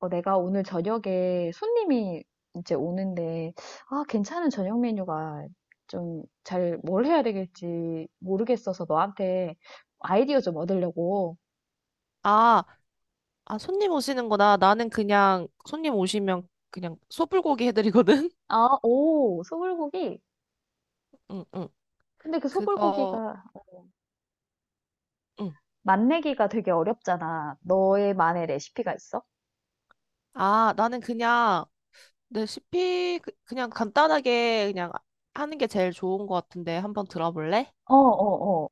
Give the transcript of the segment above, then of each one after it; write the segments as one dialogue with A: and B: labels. A: 어, 내가 오늘 저녁에 손님이 이제 오는데, 아, 괜찮은 저녁 메뉴가 좀 잘 뭘 해야 되겠지 모르겠어서 너한테 아이디어 좀 얻으려고.
B: 아, 아, 손님 오시는구나. 나는 그냥 손님 오시면 그냥 소불고기 해드리거든.
A: 아, 오, 소불고기?
B: 응, 응.
A: 근데 그
B: 그거,
A: 소불고기가
B: 응.
A: 맛내기가 되게 어렵잖아. 너의만의 레시피가 있어?
B: 아, 나는 그냥 레시피 그냥 간단하게 그냥 하는 게 제일 좋은 것 같은데 한번 들어볼래?
A: 어, 어, 어.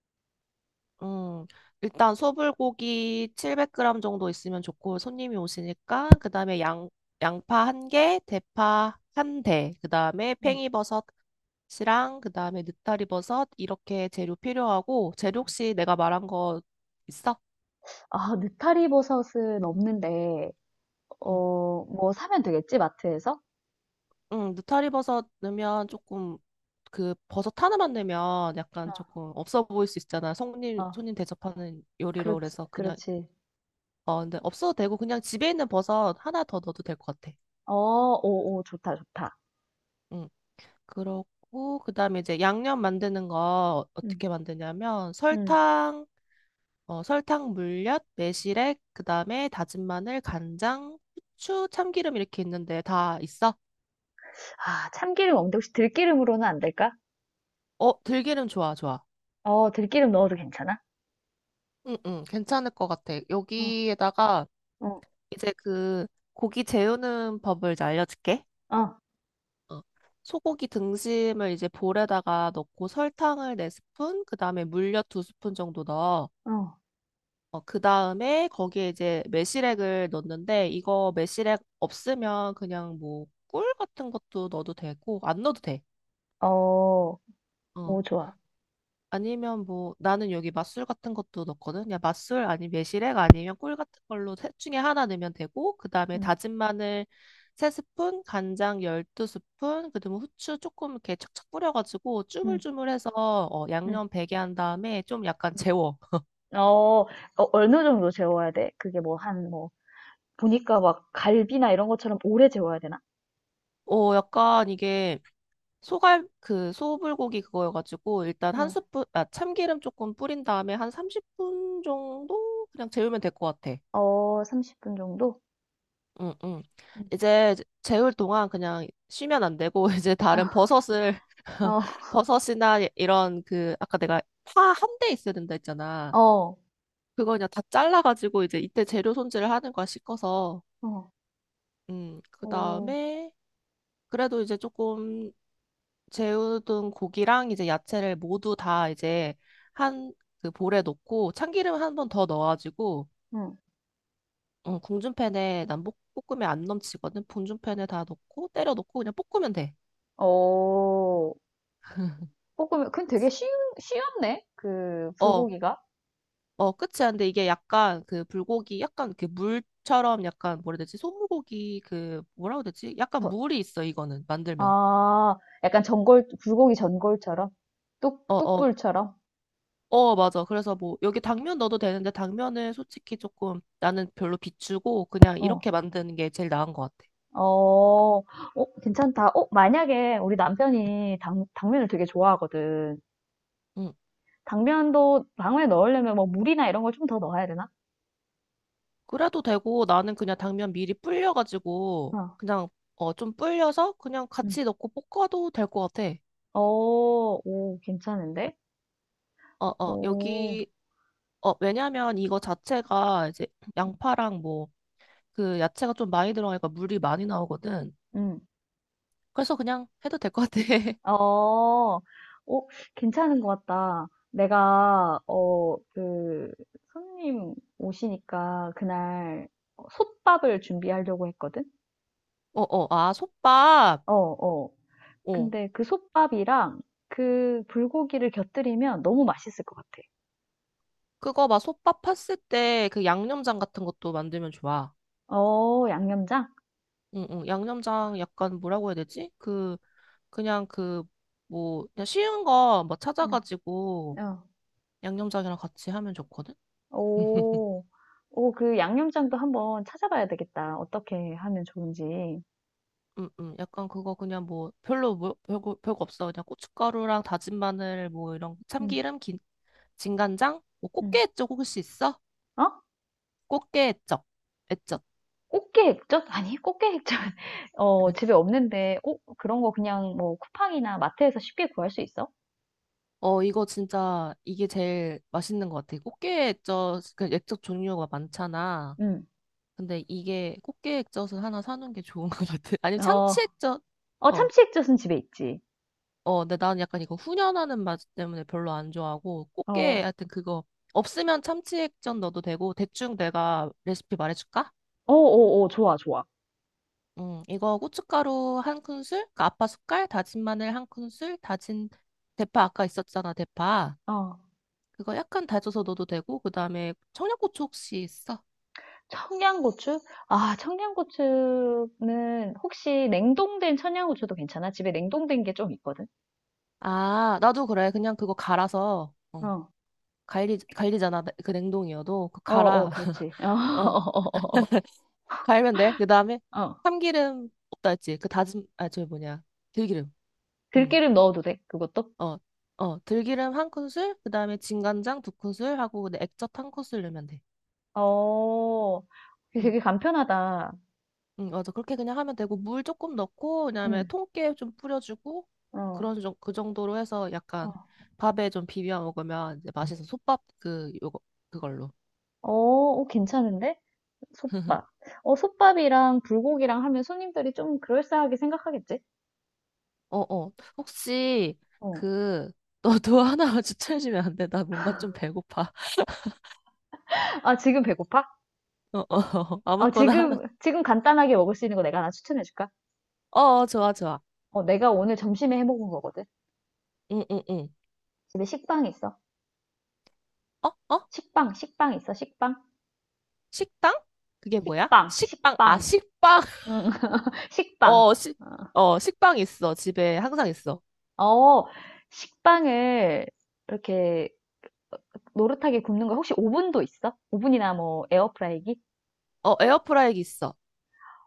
B: 음, 일단 소불고기 700g 정도 있으면 좋고 손님이 오시니까 그다음에 양 양파 한 개, 대파 한 대, 그다음에
A: 음.
B: 팽이버섯이랑 그다음에 느타리버섯 이렇게 재료 필요하고 재료 혹시 내가 말한 거 있어?
A: 아, 느타리 버섯은 없는데,
B: 응,
A: 어, 뭐 사면 되겠지, 마트에서?
B: 응, 느타리버섯 넣으면 조금 그 버섯 하나만 넣으면
A: 어,
B: 약간 조금 없어 보일 수 있잖아. 손님
A: 어,
B: 손님 대접하는 요리로
A: 그렇지,
B: 그래서 그냥.
A: 그렇지.
B: 근데 없어도 되고 그냥 집에 있는 버섯 하나 더 넣어도 될 것 같아.
A: 어, 오, 오, 좋다, 좋다.
B: 응. 그렇고 그다음에 이제 양념 만드는 거 어떻게 만드냐면
A: 음.
B: 설탕 물엿, 매실액, 그다음에 다진 마늘, 간장, 후추, 참기름 이렇게 있는데 다 있어?
A: 아, 참기름 없는데 혹시 들기름으로는 안 될까?
B: 어, 들기름 좋아, 좋아.
A: 어, 들기름 넣어도 괜찮아?
B: 응, 응, 괜찮을 것 같아.
A: 어,
B: 여기에다가
A: 어,
B: 이제 그 고기 재우는 법을 이제 알려줄게.
A: 어,
B: 어, 소고기 등심을 이제 볼에다가 넣고 설탕을 4스푼 그다음에 물엿 2스푼 정도 넣어.
A: 어,
B: 그 다음에 거기에 이제 매실액을 넣는데 이거 매실액 없으면 그냥 뭐 꿀 같은 것도 넣어도 되고 안 넣어도 돼.
A: 어,
B: 어.
A: 오, 좋아.
B: 아니면 뭐 나는 여기 맛술 같은 것도 넣거든. 그냥 맛술 아니면 매실액 아니면 꿀 같은 걸로 셋 중에 하나 넣으면 되고 그 다음에
A: 음,
B: 다진 마늘 3스푼, 간장 12스푼, 그다음에 후추 조금 이렇게 척척 뿌려가지고
A: 음,
B: 쭈물쭈물해서
A: 음,
B: 양념 배게 한 다음에 좀 약간
A: 음.
B: 재워.
A: 어, 어, 어느 정도 재워야 돼? 그게 뭐 한, 뭐, 보니까 막 갈비나 이런 것처럼 오래 재워야 되나?
B: 약간 이게 소갈 그 소불고기 그거여가지고 일단 한
A: 응.
B: 스푼 참기름 조금 뿌린 다음에 한 30분 정도 그냥 재우면 될 것 같아.
A: 어, 30분 정도?
B: 응, 응.
A: 음.
B: 이제 재울 동안 그냥 쉬면 안 되고 이제 다른 버섯을
A: 어,
B: 버섯이나 이런 그 아까 내가 파 한 대 있어야 된다 했잖아.
A: 어, 어,
B: 그거 그냥 다 잘라가지고 이제 이때 재료 손질을 하는 거야 씻어서.
A: 어,
B: 그
A: 어,
B: 다음에 그래도 이제 조금 재우둔 고기랑 이제 야채를 모두 다 이제 한 그 볼에 넣고 참기름 한 번 더 넣어가지고
A: 응.
B: 궁중팬에 난 볶으면 안 넘치거든. 궁중팬에 다 넣고 때려 넣고 그냥 볶으면 돼.
A: 어, 볶으면, 그건 되게
B: 그치?
A: 쉬운, 쉬웠네? 그,
B: 어,
A: 불고기가.
B: 어, 끝이야. 근데 이게 약간 그 불고기 약간 그 물처럼 약간 뭐라 해야 되지? 소불고기 그 뭐라고 해야 되지? 약간 물이 있어 이거는 만들면.
A: 아, 약간 전골, 불고기 전골처럼? 뚝,
B: 어, 어,
A: 뚝불처럼?
B: 어, 맞아. 그래서 뭐 여기 당면 넣어도 되는데 당면은 솔직히 조금 나는 별로 비추고 그냥
A: 어,
B: 이렇게 만드는 게 제일 나은 것 같아.
A: 어, 어, 괜찮다. 어, 만약에 우리 남편이 당면을 되게 좋아하거든.
B: 응.
A: 당면도 당면에 넣으려면 뭐 물이나 이런 걸 좀 더 넣어야 되나?
B: 그래도 되고 나는 그냥 당면 미리 불려가지고
A: 어,
B: 그냥 좀 불려서 그냥
A: 응,
B: 같이 넣고 볶아도 될 것 같아.
A: 어, 오, 괜찮은데?
B: 어, 어.
A: 오,
B: 여기 어 왜냐면 이거 자체가 이제 양파랑 뭐 그 야채가 좀 많이 들어가니까 물이 많이 나오거든.
A: 응.
B: 그래서 그냥 해도 될 것 같아.
A: 어, 어, 괜찮은 것 같다. 내가, 어, 그, 손님 오시니까 그날 솥밥을 준비하려고 했거든?
B: 어, 어, 아, 솥밥.
A: 어, 어.
B: 어
A: 근데 그 솥밥이랑 그 불고기를 곁들이면 너무 맛있을 것 같아.
B: 그거 막 솥밥 팠을 때 그 양념장 같은 것도 만들면 좋아.
A: 어, 양념장?
B: 응응 양념장 약간 뭐라고 해야 되지? 그냥 뭐, 그냥 쉬운 거 뭐
A: 응.
B: 찾아가지고
A: 어.
B: 양념장이랑 같이 하면 좋거든?
A: 오, 오, 그 양념장도 한번 찾아봐야 되겠다. 어떻게 하면 좋은지.
B: 약간 그거 그냥 뭐 별로 뭐, 별거, 별거 없어. 그냥 고춧가루랑 다진 마늘 뭐 이런
A: 응.
B: 참기름, 진간장? 뭐
A: 응.
B: 꽃게 액젓 혹시 있어?
A: 어?
B: 꽃게 액젓. 액젓.
A: 꽃게 액젓? 아니, 꽃게 액젓. 어, 집에 없는데, 어, 그런 거 그냥 뭐 쿠팡이나 마트에서 쉽게 구할 수 있어?
B: 이거 진짜 이게 제일 맛있는 것 같아. 꽃게 액젓, 그 액젓 종류가 많잖아.
A: 응.
B: 근데 이게 꽃게 액젓을 하나 사놓은 게 좋은 것 같아. 아니면
A: 어,
B: 참치 액젓.
A: 어,
B: 어.
A: 참치 액젓은 집에 있지.
B: 근데 나는 약간 이거 훈연하는 맛 때문에 별로 안 좋아하고,
A: 어,
B: 꽃게,
A: 어
B: 하여튼 그거, 없으면 참치액젓 넣어도 되고, 대충 내가 레시피 말해줄까?
A: 어 어, 좋아, 좋아.
B: 이거 고춧가루 1큰술, 그러니까 아빠 숟갈, 다진 마늘 1큰술, 다진 대파 아까 있었잖아, 대파.
A: 어,
B: 그거 약간 다져서 넣어도 되고, 그 다음에 청양고추 혹시 있어?
A: 청양고추? 아, 청양고추는 혹시 냉동된 청양고추도 괜찮아? 집에 냉동된 게 좀 있거든?
B: 아, 나도 그래. 그냥 그거 갈아서,
A: 어,
B: 갈리잖아, 그 냉동이어도. 그
A: 어, 어,
B: 갈아.
A: 그렇지. 어,
B: 어.
A: 어, 어,
B: 갈면 돼. 그 다음에
A: 어. 어.
B: 참기름 없다 했지. 그 다진 아 저 뭐냐, 들기름. 응.
A: 들기름 넣어도 돼, 그것도?
B: 어. 들기름 1큰술, 그 다음에 진간장 2큰술 하고, 근데 액젓 1큰술 넣으면 돼.
A: 어,
B: 응,
A: 되게 간편하다.
B: 응, 맞아. 그렇게 그냥 하면 되고, 물 조금 넣고, 그다음에
A: 응.
B: 통깨 좀 뿌려주고,
A: 어,
B: 그 정도로 해서
A: 어.
B: 약간 밥에 좀 비벼 먹으면 이제 맛있어. 솥밥 그, 요거, 그걸로.
A: 어, 어, 괜찮은데? 솥밥. 어, 솥밥이랑 불고기랑 하면 손님들이 좀 그럴싸하게 생각하겠지?
B: 어, 어. 혹시
A: 어.
B: 그, 너도 하나만 추천해주면 안 돼? 나 뭔가 좀 배고파.
A: 아, 지금 배고파?
B: 어, 어,
A: 어,
B: 아무거나 하나.
A: 지금 간단하게 먹을 수 있는 거 내가 하나 추천해줄까?
B: 어, 어, 좋아, 좋아.
A: 어, 내가 오늘 점심에 해 먹은 거거든.
B: 응, 응, 응.
A: 집에 식빵 있어.
B: 어, 어?
A: 식빵, 식빵 있어, 식빵.
B: 식당? 그게 뭐야?
A: 식빵,
B: 식빵. 아,
A: 식빵.
B: 식빵.
A: 응, 식빵.
B: 어, 식빵 있어. 집에 항상 있어.
A: 어, 어, 식빵을 이렇게 노릇하게 굽는 거 혹시 오븐도 있어? 오븐이나 뭐 에어프라이기?
B: 어, 에어프라이기 있어.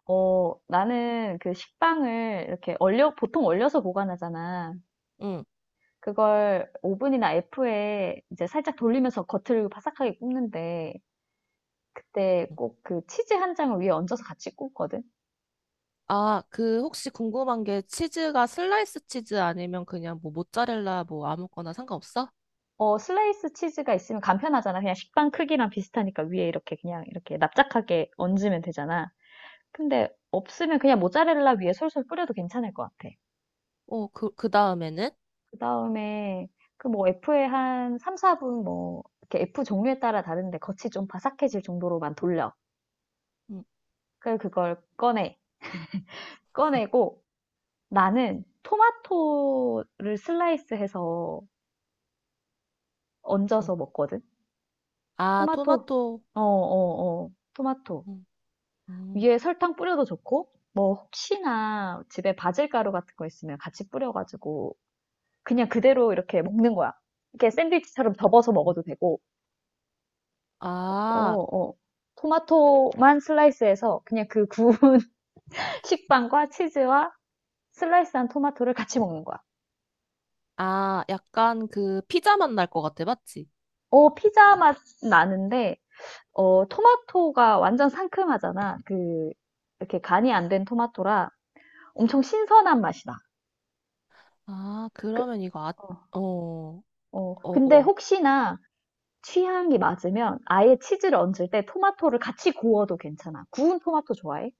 A: 어, 나는 그 식빵을 이렇게 얼려, 보통 얼려서 보관하잖아.
B: 응.
A: 그걸 오븐이나 F에 이제 살짝 돌리면서 겉을 바삭하게 굽는데, 그때 꼭 그 치즈 한 장을 위에 얹어서 같이 굽거든?
B: 아, 혹시 궁금한 게 치즈가 슬라이스 치즈 아니면 그냥 뭐 모짜렐라 뭐 아무거나 상관없어?
A: 어, 슬라이스 치즈가 있으면 간편하잖아. 그냥 식빵 크기랑 비슷하니까 위에 이렇게 그냥 이렇게 납작하게 얹으면 되잖아. 근데 없으면 그냥 모짜렐라 위에 솔솔 뿌려도 괜찮을 것 같아.
B: 어, 그 다음에는?
A: 그다음에 그 뭐 F에 한 3~4분 뭐 이렇게 F 종류에 따라 다른데 겉이 좀 바삭해질 정도로만 돌려.
B: 응,
A: 그래서 그걸 꺼내. 꺼내고 나는 토마토를 슬라이스해서
B: 응.
A: 얹어서 먹거든.
B: 아,
A: 토마토.
B: 토마토.
A: 어, 어, 어. 토마토.
B: 응, 응.
A: 위에 설탕 뿌려도 좋고 뭐 혹시나 집에 바질가루 같은 거 있으면 같이 뿌려가지고 그냥 그대로 이렇게 먹는 거야. 이렇게 샌드위치처럼 접어서 먹어도 되고 어,
B: 아,
A: 어. 토마토만 슬라이스해서 그냥 그 구운 식빵과 치즈와 슬라이스한 토마토를 같이 먹는 거야.
B: 아, 약간 그 피자 맛날 것 같아. 맞지?
A: 어, 피자 맛 나는데, 어, 토마토가 완전 상큼하잖아. 그, 이렇게 간이 안 된 토마토라 엄청 신선한 맛이다.
B: 아,
A: 그,
B: 그러면 이거 아,
A: 어,
B: 어,
A: 어.
B: 어,
A: 근데
B: 어.
A: 혹시나 취향이 맞으면 아예 치즈를 얹을 때 토마토를 같이 구워도 괜찮아. 구운 토마토 좋아해?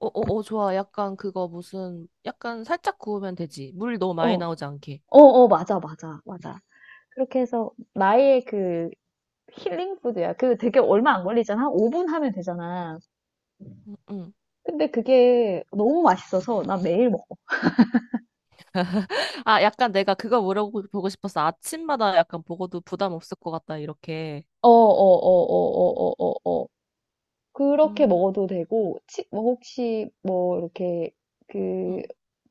B: 어, 어, 어, 좋아. 약간 그거 무슨, 약간 살짝 구우면 되지. 물 너무
A: 어,
B: 많이
A: 어,
B: 나오지 않게.
A: 어, 맞아, 맞아, 맞아. 그렇게 해서 나의 그 힐링 푸드야. 그 되게 얼마 안 걸리잖아. 한 5분 하면 되잖아.
B: 응, 응.
A: 근데 그게 너무 맛있어서 나 매일 먹어.
B: 아, 약간 내가 그거 물어보고 싶었어. 아침마다 약간 보고도 부담 없을 것 같다, 이렇게.
A: 어, 어, 어, 어, 어, 어, 어, 어. 그렇게
B: 음,
A: 먹어도 되고, 치, 뭐 혹시 뭐 이렇게
B: 음.
A: 그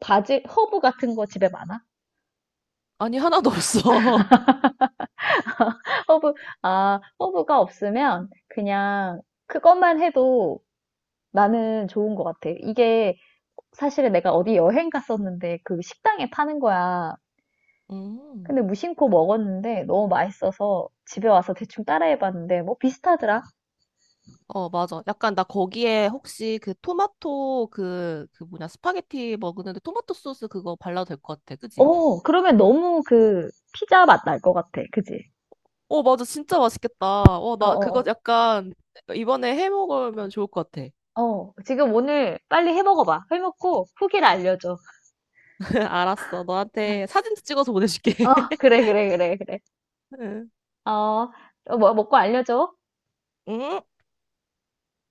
A: 바질, 허브 같은 거 집에 많아?
B: 아니, 하나도 없어.
A: 허브, 아, 허브가 없으면 그냥 그것만 해도 나는 좋은 것 같아. 이게 사실은 내가 어디 여행 갔었는데 그 식당에 파는 거야.
B: 음.
A: 근데 무심코 먹었는데 너무 맛있어서 집에 와서 대충 따라해봤는데 뭐 비슷하더라.
B: 어, 맞아. 약간 나 거기에 혹시 그 토마토 그 뭐냐, 스파게티 먹는데 토마토 소스 그거 발라도 될 것 같아. 그지?
A: 어, 그러면 너무 그 피자 맛날 것 같아. 그지?
B: 어, 맞아. 진짜 맛있겠다. 어,
A: 어,
B: 나 그거
A: 어,
B: 약간 이번에 해 먹으면 좋을 것 같아.
A: 어. 어, 지금 오늘 빨리 해 먹어봐. 해 먹고 후기를 알려줘.
B: 알았어. 너한테 사진도 찍어서 보내줄게.
A: 어, 그래, 그래, 그래, 그래.
B: 응.
A: 어, 어, 뭐, 먹고 알려줘.
B: 응?